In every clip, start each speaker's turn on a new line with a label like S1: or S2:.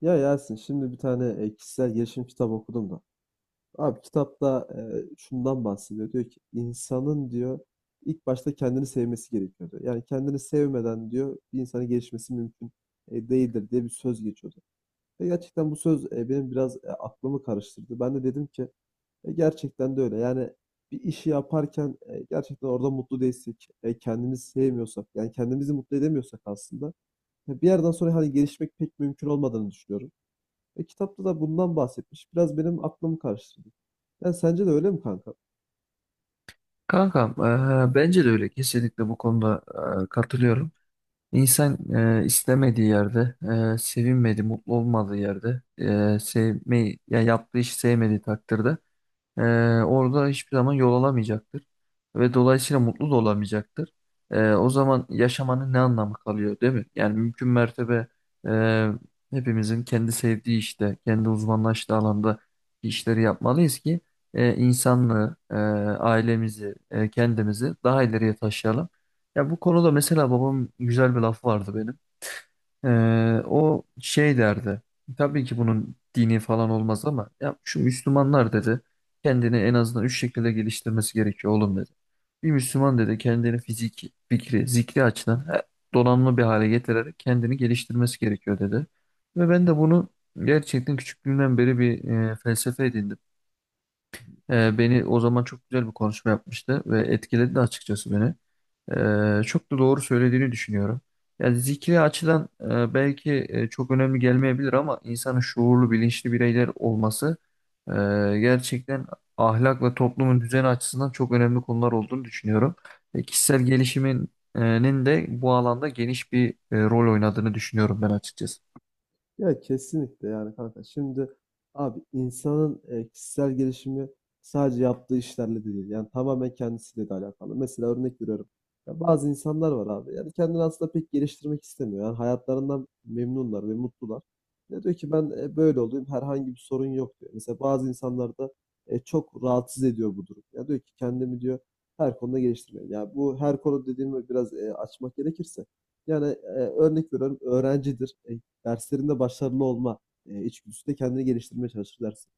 S1: Ya Yasin, şimdi bir tane kişisel gelişim kitabı okudum da. Abi kitapta şundan bahsediyor. Diyor ki insanın diyor ilk başta kendini sevmesi gerekiyor diyor. Yani kendini sevmeden diyor bir insanın gelişmesi mümkün değildir diye bir söz geçiyordu. Ve gerçekten bu söz benim biraz aklımı karıştırdı. Ben de dedim ki gerçekten de öyle. Yani bir işi yaparken gerçekten orada mutlu değilsek, kendimizi sevmiyorsak, yani kendimizi mutlu edemiyorsak aslında ya bir yerden sonra hani gelişmek pek mümkün olmadığını düşünüyorum. Ve kitapta da bundan bahsetmiş. Biraz benim aklımı karıştırdı. Yani sence de öyle mi kanka?
S2: Kankam, bence de öyle. Kesinlikle bu konuda katılıyorum. İnsan istemediği yerde, sevinmediği, mutlu olmadığı yerde, sevmeyi, ya yaptığı işi sevmediği takdirde ee, orada hiçbir zaman yol alamayacaktır ve dolayısıyla mutlu da olamayacaktır. O zaman yaşamanın ne anlamı kalıyor, değil mi? Yani mümkün mertebe e, hepimizin kendi sevdiği işte, kendi uzmanlaştığı alanda işleri yapmalıyız ki insanlığı, ailemizi, kendimizi daha ileriye taşıyalım. Ya bu konuda mesela babamın güzel bir lafı vardı benim. O şey derdi. Tabii ki bunun dini falan olmaz ama ya şu Müslümanlar dedi kendini en azından 3 şekilde geliştirmesi gerekiyor oğlum dedi. Bir Müslüman dedi kendini fiziki, fikri, zikri açıdan he, donanımlı bir hale getirerek kendini geliştirmesi gerekiyor dedi. Ve ben de bunu gerçekten küçüklüğümden beri bir felsefe edindim. Beni o zaman çok güzel bir konuşma yapmıştı ve etkiledi de açıkçası beni. Çok da doğru söylediğini düşünüyorum. Yani zikri açıdan belki çok önemli gelmeyebilir ama insanın şuurlu, bilinçli bireyler olması e, gerçekten ahlak ve toplumun düzeni açısından çok önemli konular olduğunu düşünüyorum. Kişisel gelişiminin de bu alanda geniş bir rol oynadığını düşünüyorum ben açıkçası.
S1: Ya kesinlikle yani kanka. Şimdi abi insanın kişisel gelişimi sadece yaptığı işlerle de değil. Yani tamamen kendisiyle de alakalı. Mesela örnek veriyorum. Ya bazı insanlar var abi. Yani kendini aslında pek geliştirmek istemiyor. Yani hayatlarından memnunlar ve mutlular. Ya diyor ki ben böyle olayım, herhangi bir sorun yok diyor. Mesela bazı insanlar da çok rahatsız ediyor bu durum. Ya diyor ki kendimi diyor her konuda geliştirmeliyim. Ya bu her konu dediğimi biraz açmak gerekirse. Yani örnek veriyorum öğrencidir. Derslerinde başarılı olma içgüdüsü de kendini geliştirmeye çalışır dersin.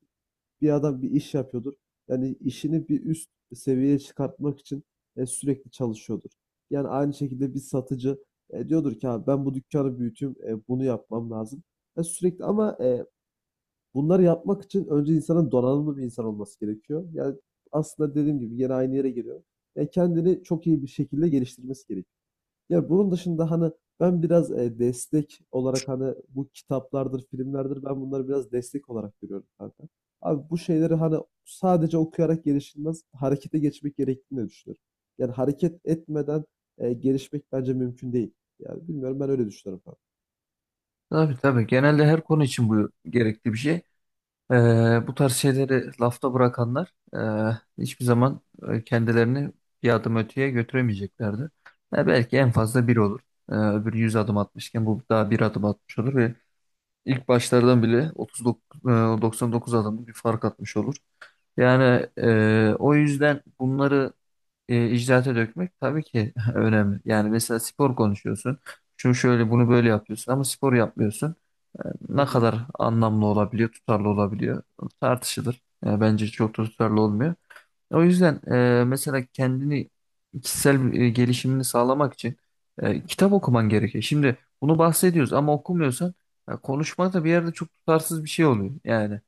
S1: Bir adam bir iş yapıyordur. Yani işini bir üst seviyeye çıkartmak için sürekli çalışıyordur. Yani aynı şekilde bir satıcı diyordur ki abi ben bu dükkanı büyüteyim, bunu yapmam lazım. Ya sürekli ama bunları yapmak için önce insanın donanımlı bir insan olması gerekiyor. Yani aslında dediğim gibi yine aynı yere giriyor. Yani kendini çok iyi bir şekilde geliştirmesi gerekiyor. Ya bunun dışında hani ben biraz destek olarak hani bu kitaplardır, filmlerdir, ben bunları biraz destek olarak görüyorum kanka. Abi bu şeyleri hani sadece okuyarak gelişilmez, harekete geçmek gerektiğini de düşünüyorum. Yani hareket etmeden gelişmek bence mümkün değil. Yani bilmiyorum, ben öyle düşünüyorum kanka.
S2: Tabii tabii. Genelde her konu için bu gerekli bir şey. Bu tarz şeyleri lafta bırakanlar hiçbir zaman kendilerini bir adım öteye götüremeyeceklerdi. Belki en fazla bir olur. Öbürü 100 adım atmışken bu daha 1 adım atmış olur ve ilk başlardan bile 39, 99 adımlık bir fark atmış olur. Yani o yüzden bunları icraate dökmek tabii ki önemli. Yani mesela spor konuşuyorsun. Şu şöyle bunu böyle yapıyorsun ama spor yapmıyorsun. E,
S1: Hı
S2: Ne
S1: hı.
S2: kadar anlamlı olabiliyor, tutarlı olabiliyor tartışılır. Bence çok da tutarlı olmuyor. O yüzden mesela kendini kişisel gelişimini sağlamak için kitap okuman gerekiyor. Şimdi bunu bahsediyoruz ama okumuyorsan ya konuşma da bir yerde çok tutarsız bir şey oluyor yani.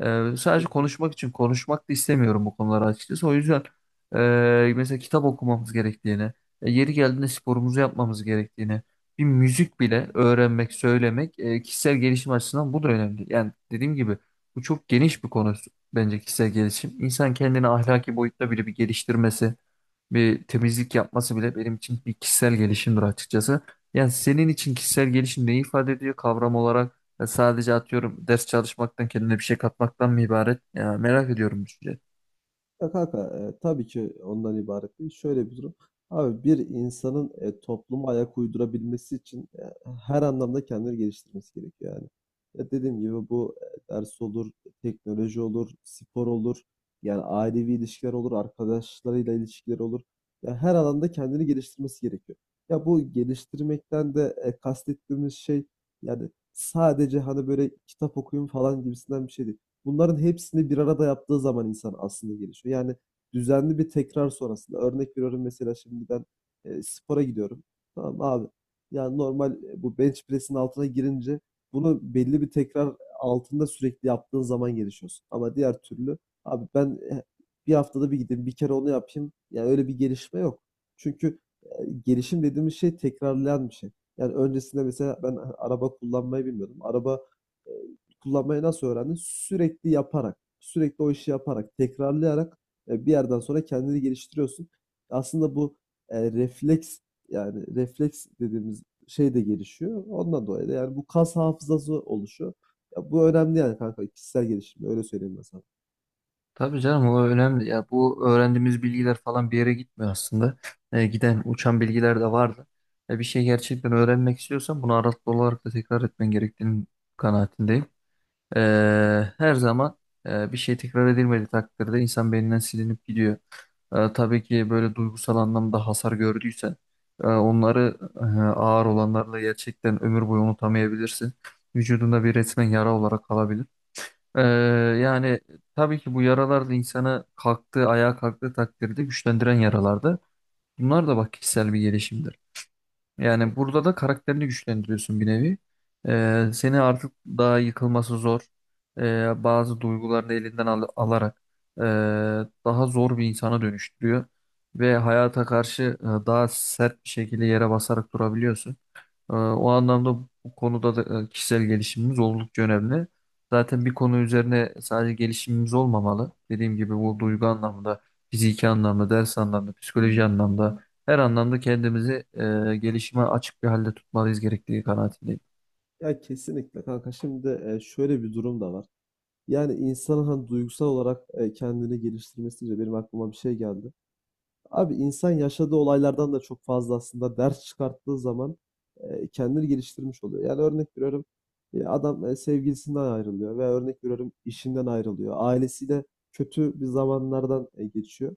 S1: E,
S2: Sadece
S1: kesinlikle.
S2: konuşmak için konuşmak da istemiyorum bu konuları açıkçası. O yüzden mesela kitap okumamız gerektiğini, yeri geldiğinde sporumuzu yapmamız gerektiğini, bir müzik bile öğrenmek, söylemek kişisel gelişim açısından bu da önemli. Yani dediğim gibi bu çok geniş bir konu bence kişisel gelişim. İnsan kendini ahlaki boyutta bile bir geliştirmesi, bir temizlik yapması bile benim için bir kişisel gelişimdir açıkçası. Yani senin için kişisel gelişim ne ifade ediyor kavram olarak? Ya sadece atıyorum ders çalışmaktan kendine bir şey katmaktan mı ibaret? Ya merak ediyorum düşünce.
S1: Ya kanka tabii ki ondan ibaret değil. Şöyle bir durum. Abi bir insanın topluma ayak uydurabilmesi için her anlamda kendini geliştirmesi gerekiyor yani. Ya dediğim gibi bu ders olur, teknoloji olur, spor olur. Yani ailevi ilişkiler olur, arkadaşlarıyla ilişkiler olur. Ya her alanda kendini geliştirmesi gerekiyor. Ya bu geliştirmekten de kastettiğimiz şey yani sadece hani böyle kitap okuyun falan gibisinden bir şey değil. Bunların hepsini bir arada yaptığı zaman insan aslında gelişiyor. Yani düzenli bir tekrar sonrasında örnek veriyorum, mesela şimdi ben spora gidiyorum. Tamam abi. Yani normal bu bench press'in altına girince bunu belli bir tekrar altında sürekli yaptığın zaman gelişiyorsun. Ama diğer türlü abi ben bir haftada bir gideyim, bir kere onu yapayım. Yani öyle bir gelişme yok. Çünkü gelişim dediğimiz şey tekrarlayan bir şey. Yani öncesinde mesela ben araba kullanmayı bilmiyordum. Araba e, kullanmayı nasıl öğrendin? Sürekli yaparak, sürekli o işi yaparak, tekrarlayarak bir yerden sonra kendini geliştiriyorsun. Aslında bu refleks, yani refleks dediğimiz şey de gelişiyor. Ondan dolayı da yani bu kas hafızası oluşuyor. Ya bu önemli yani kanka, kişisel gelişim, öyle söyleyeyim ben sana.
S2: Tabii canım o önemli. Ya bu öğrendiğimiz bilgiler falan bir yere gitmiyor aslında. Giden uçan bilgiler de vardı. Bir şey gerçekten öğrenmek istiyorsan bunu aralıklı olarak da tekrar etmen gerektiğini kanaatindeyim. E, Her zaman bir şey tekrar edilmediği takdirde insan beyninden silinip gidiyor. Tabii ki böyle duygusal anlamda hasar gördüysen onları ağır olanlarla gerçekten ömür boyu unutamayabilirsin. Vücudunda bir resmen yara olarak kalabilir. E, Yani tabii ki bu yaralar da insanı kalktığı, ayağa kalktığı takdirde güçlendiren yaralardı. Bunlar da bak kişisel bir gelişimdir.
S1: E,
S2: Yani burada da karakterini güçlendiriyorsun bir nevi. Seni artık daha yıkılması zor. Bazı duygularını alarak ee, daha zor bir insana dönüştürüyor. Ve hayata karşı daha sert bir şekilde yere basarak durabiliyorsun. O anlamda bu konuda da kişisel gelişimimiz oldukça önemli. Zaten bir konu üzerine sadece gelişimimiz olmamalı. Dediğim gibi bu duygu anlamında, fiziki anlamda, ders anlamda, psikoloji anlamda her anlamda kendimizi gelişime açık bir halde tutmalıyız gerektiği kanaatindeyim.
S1: Ya kesinlikle kanka. Şimdi şöyle bir durum da var. Yani insanın hani duygusal olarak kendini geliştirmesi deyince benim aklıma bir şey geldi. Abi insan yaşadığı olaylardan da çok fazla aslında ders çıkarttığı zaman kendini geliştirmiş oluyor. Yani örnek veriyorum, adam sevgilisinden ayrılıyor veya örnek veriyorum işinden ayrılıyor. Ailesiyle kötü bir zamanlardan geçiyor.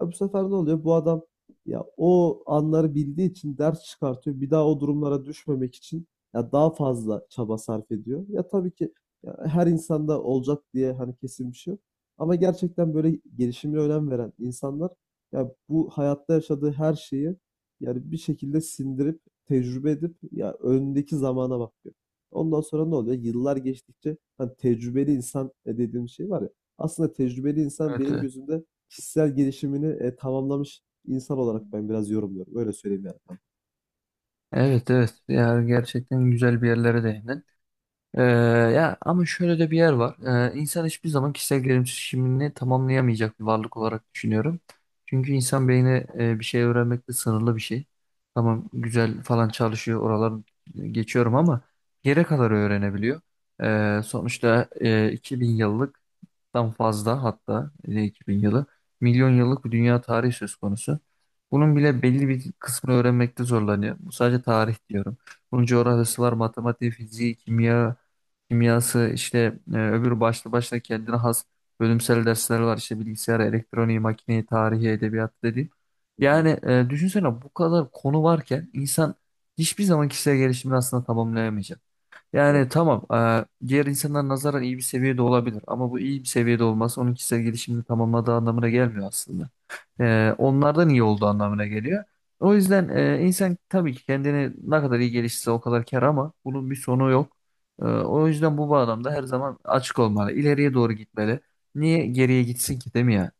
S1: Ya bu sefer ne oluyor? Bu adam ya o anları bildiği için ders çıkartıyor. Bir daha o durumlara düşmemek için ya daha fazla çaba sarf ediyor. Ya tabii ki ya her insanda olacak diye hani kesin bir şey yok. Ama gerçekten böyle gelişime önem veren insanlar ya bu hayatta yaşadığı her şeyi yani bir şekilde sindirip tecrübe edip ya önündeki zamana bakıyor. Ondan sonra ne oluyor? Yıllar geçtikçe hani tecrübeli insan dediğim şey var ya. Aslında tecrübeli insan
S2: Evet,
S1: benim
S2: e,
S1: gözümde kişisel gelişimini tamamlamış insan olarak ben biraz yorumluyorum. Öyle söyleyeyim yani.
S2: evet. Yani gerçekten güzel bir yerlere değindin. Ee, Ya ama şöyle de bir yer var. İnsan hiçbir zaman kişisel gelişimini tamamlayamayacak bir varlık olarak düşünüyorum. Çünkü insan beyni bir şey öğrenmekte sınırlı bir şey. Tamam güzel falan çalışıyor oralar geçiyorum ama yere kadar öğrenebiliyor. Sonuçta 2000 yıllık tam fazla hatta 2000 yılı milyon yıllık bir dünya tarihi söz konusu. Bunun bile belli bir kısmını öğrenmekte zorlanıyor. Bu sadece tarih diyorum. Bunun coğrafyası var, matematiği, fiziği, kimya, kimyası işte öbür başlı başına kendine has bölümsel dersler var işte bilgisayar, elektroniği, makineyi, tarihi, edebiyat dediğim.
S1: Hı hı.
S2: Yani düşünsene bu kadar konu varken insan hiçbir zaman kişisel gelişimini aslında tamamlayamayacak.
S1: Evet.
S2: Yani tamam, diğer insanlara nazaran iyi bir seviyede olabilir ama bu iyi bir seviyede olması onun kişisel gelişimini tamamladığı anlamına gelmiyor aslında. Onlardan iyi olduğu anlamına geliyor. O yüzden insan tabii ki kendini ne kadar iyi geliştirse o kadar kar ama bunun bir sonu yok. O yüzden bu bağlamda her zaman açık olmalı, ileriye doğru gitmeli. Niye geriye gitsin ki değil mi ya?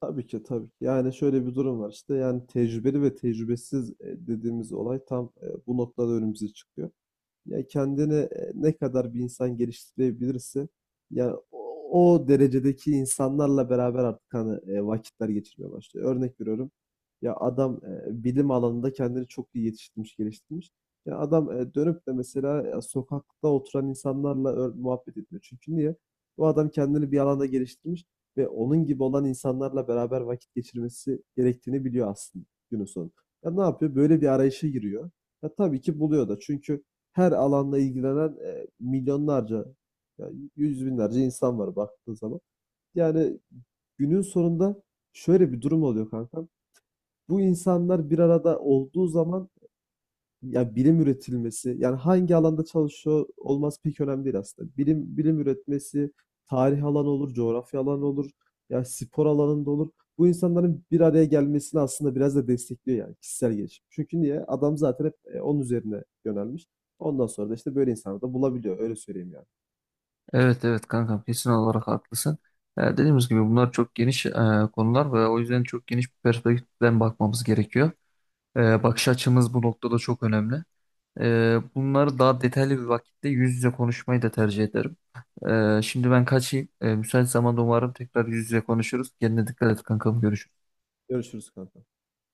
S1: Tabii ki, tabii ki. Yani şöyle bir durum var işte, yani tecrübeli ve tecrübesiz dediğimiz olay tam bu noktada önümüze çıkıyor. Ya kendini ne kadar bir insan geliştirebilirse ya o, o derecedeki insanlarla beraber artık hani vakitler geçirmeye başlıyor. Örnek veriyorum. Ya adam bilim alanında kendini çok iyi yetiştirmiş, geliştirmiş. Ya adam dönüp de mesela ya, sokakta oturan insanlarla muhabbet etmiyor. Çünkü niye? Bu adam kendini bir alanda geliştirmiş ve onun gibi olan insanlarla beraber vakit geçirmesi gerektiğini biliyor aslında günün sonu. Ya ne yapıyor? Böyle bir arayışa giriyor. Ya tabii ki buluyor da. Çünkü her alanla ilgilenen milyonlarca, yani yüz binlerce insan var baktığın zaman. Yani günün sonunda şöyle bir durum oluyor kankam. Bu insanlar bir arada olduğu zaman ya bilim üretilmesi, yani hangi alanda çalışıyor olması pek önemli değil aslında. Bilim bilim üretmesi, tarih alanı olur, coğrafya alanı olur, ya spor alanında olur. Bu insanların bir araya gelmesini aslında biraz da destekliyor yani kişisel gelişim. Çünkü niye? Adam zaten hep onun üzerine yönelmiş. Ondan sonra da işte böyle insanları da bulabiliyor. Öyle söyleyeyim yani.
S2: Evet, evet, kankam kesin olarak haklısın. Dediğimiz gibi bunlar çok geniş konular ve o yüzden çok geniş bir perspektiften bakmamız gerekiyor. Bakış açımız bu noktada çok önemli. Bunları daha detaylı bir vakitte yüz yüze konuşmayı da tercih ederim. Şimdi ben kaçayım. Müsait zamanda umarım tekrar yüz yüze konuşuruz. Kendine dikkat et kankam. Görüşürüz.
S1: Görüşürüz kanka.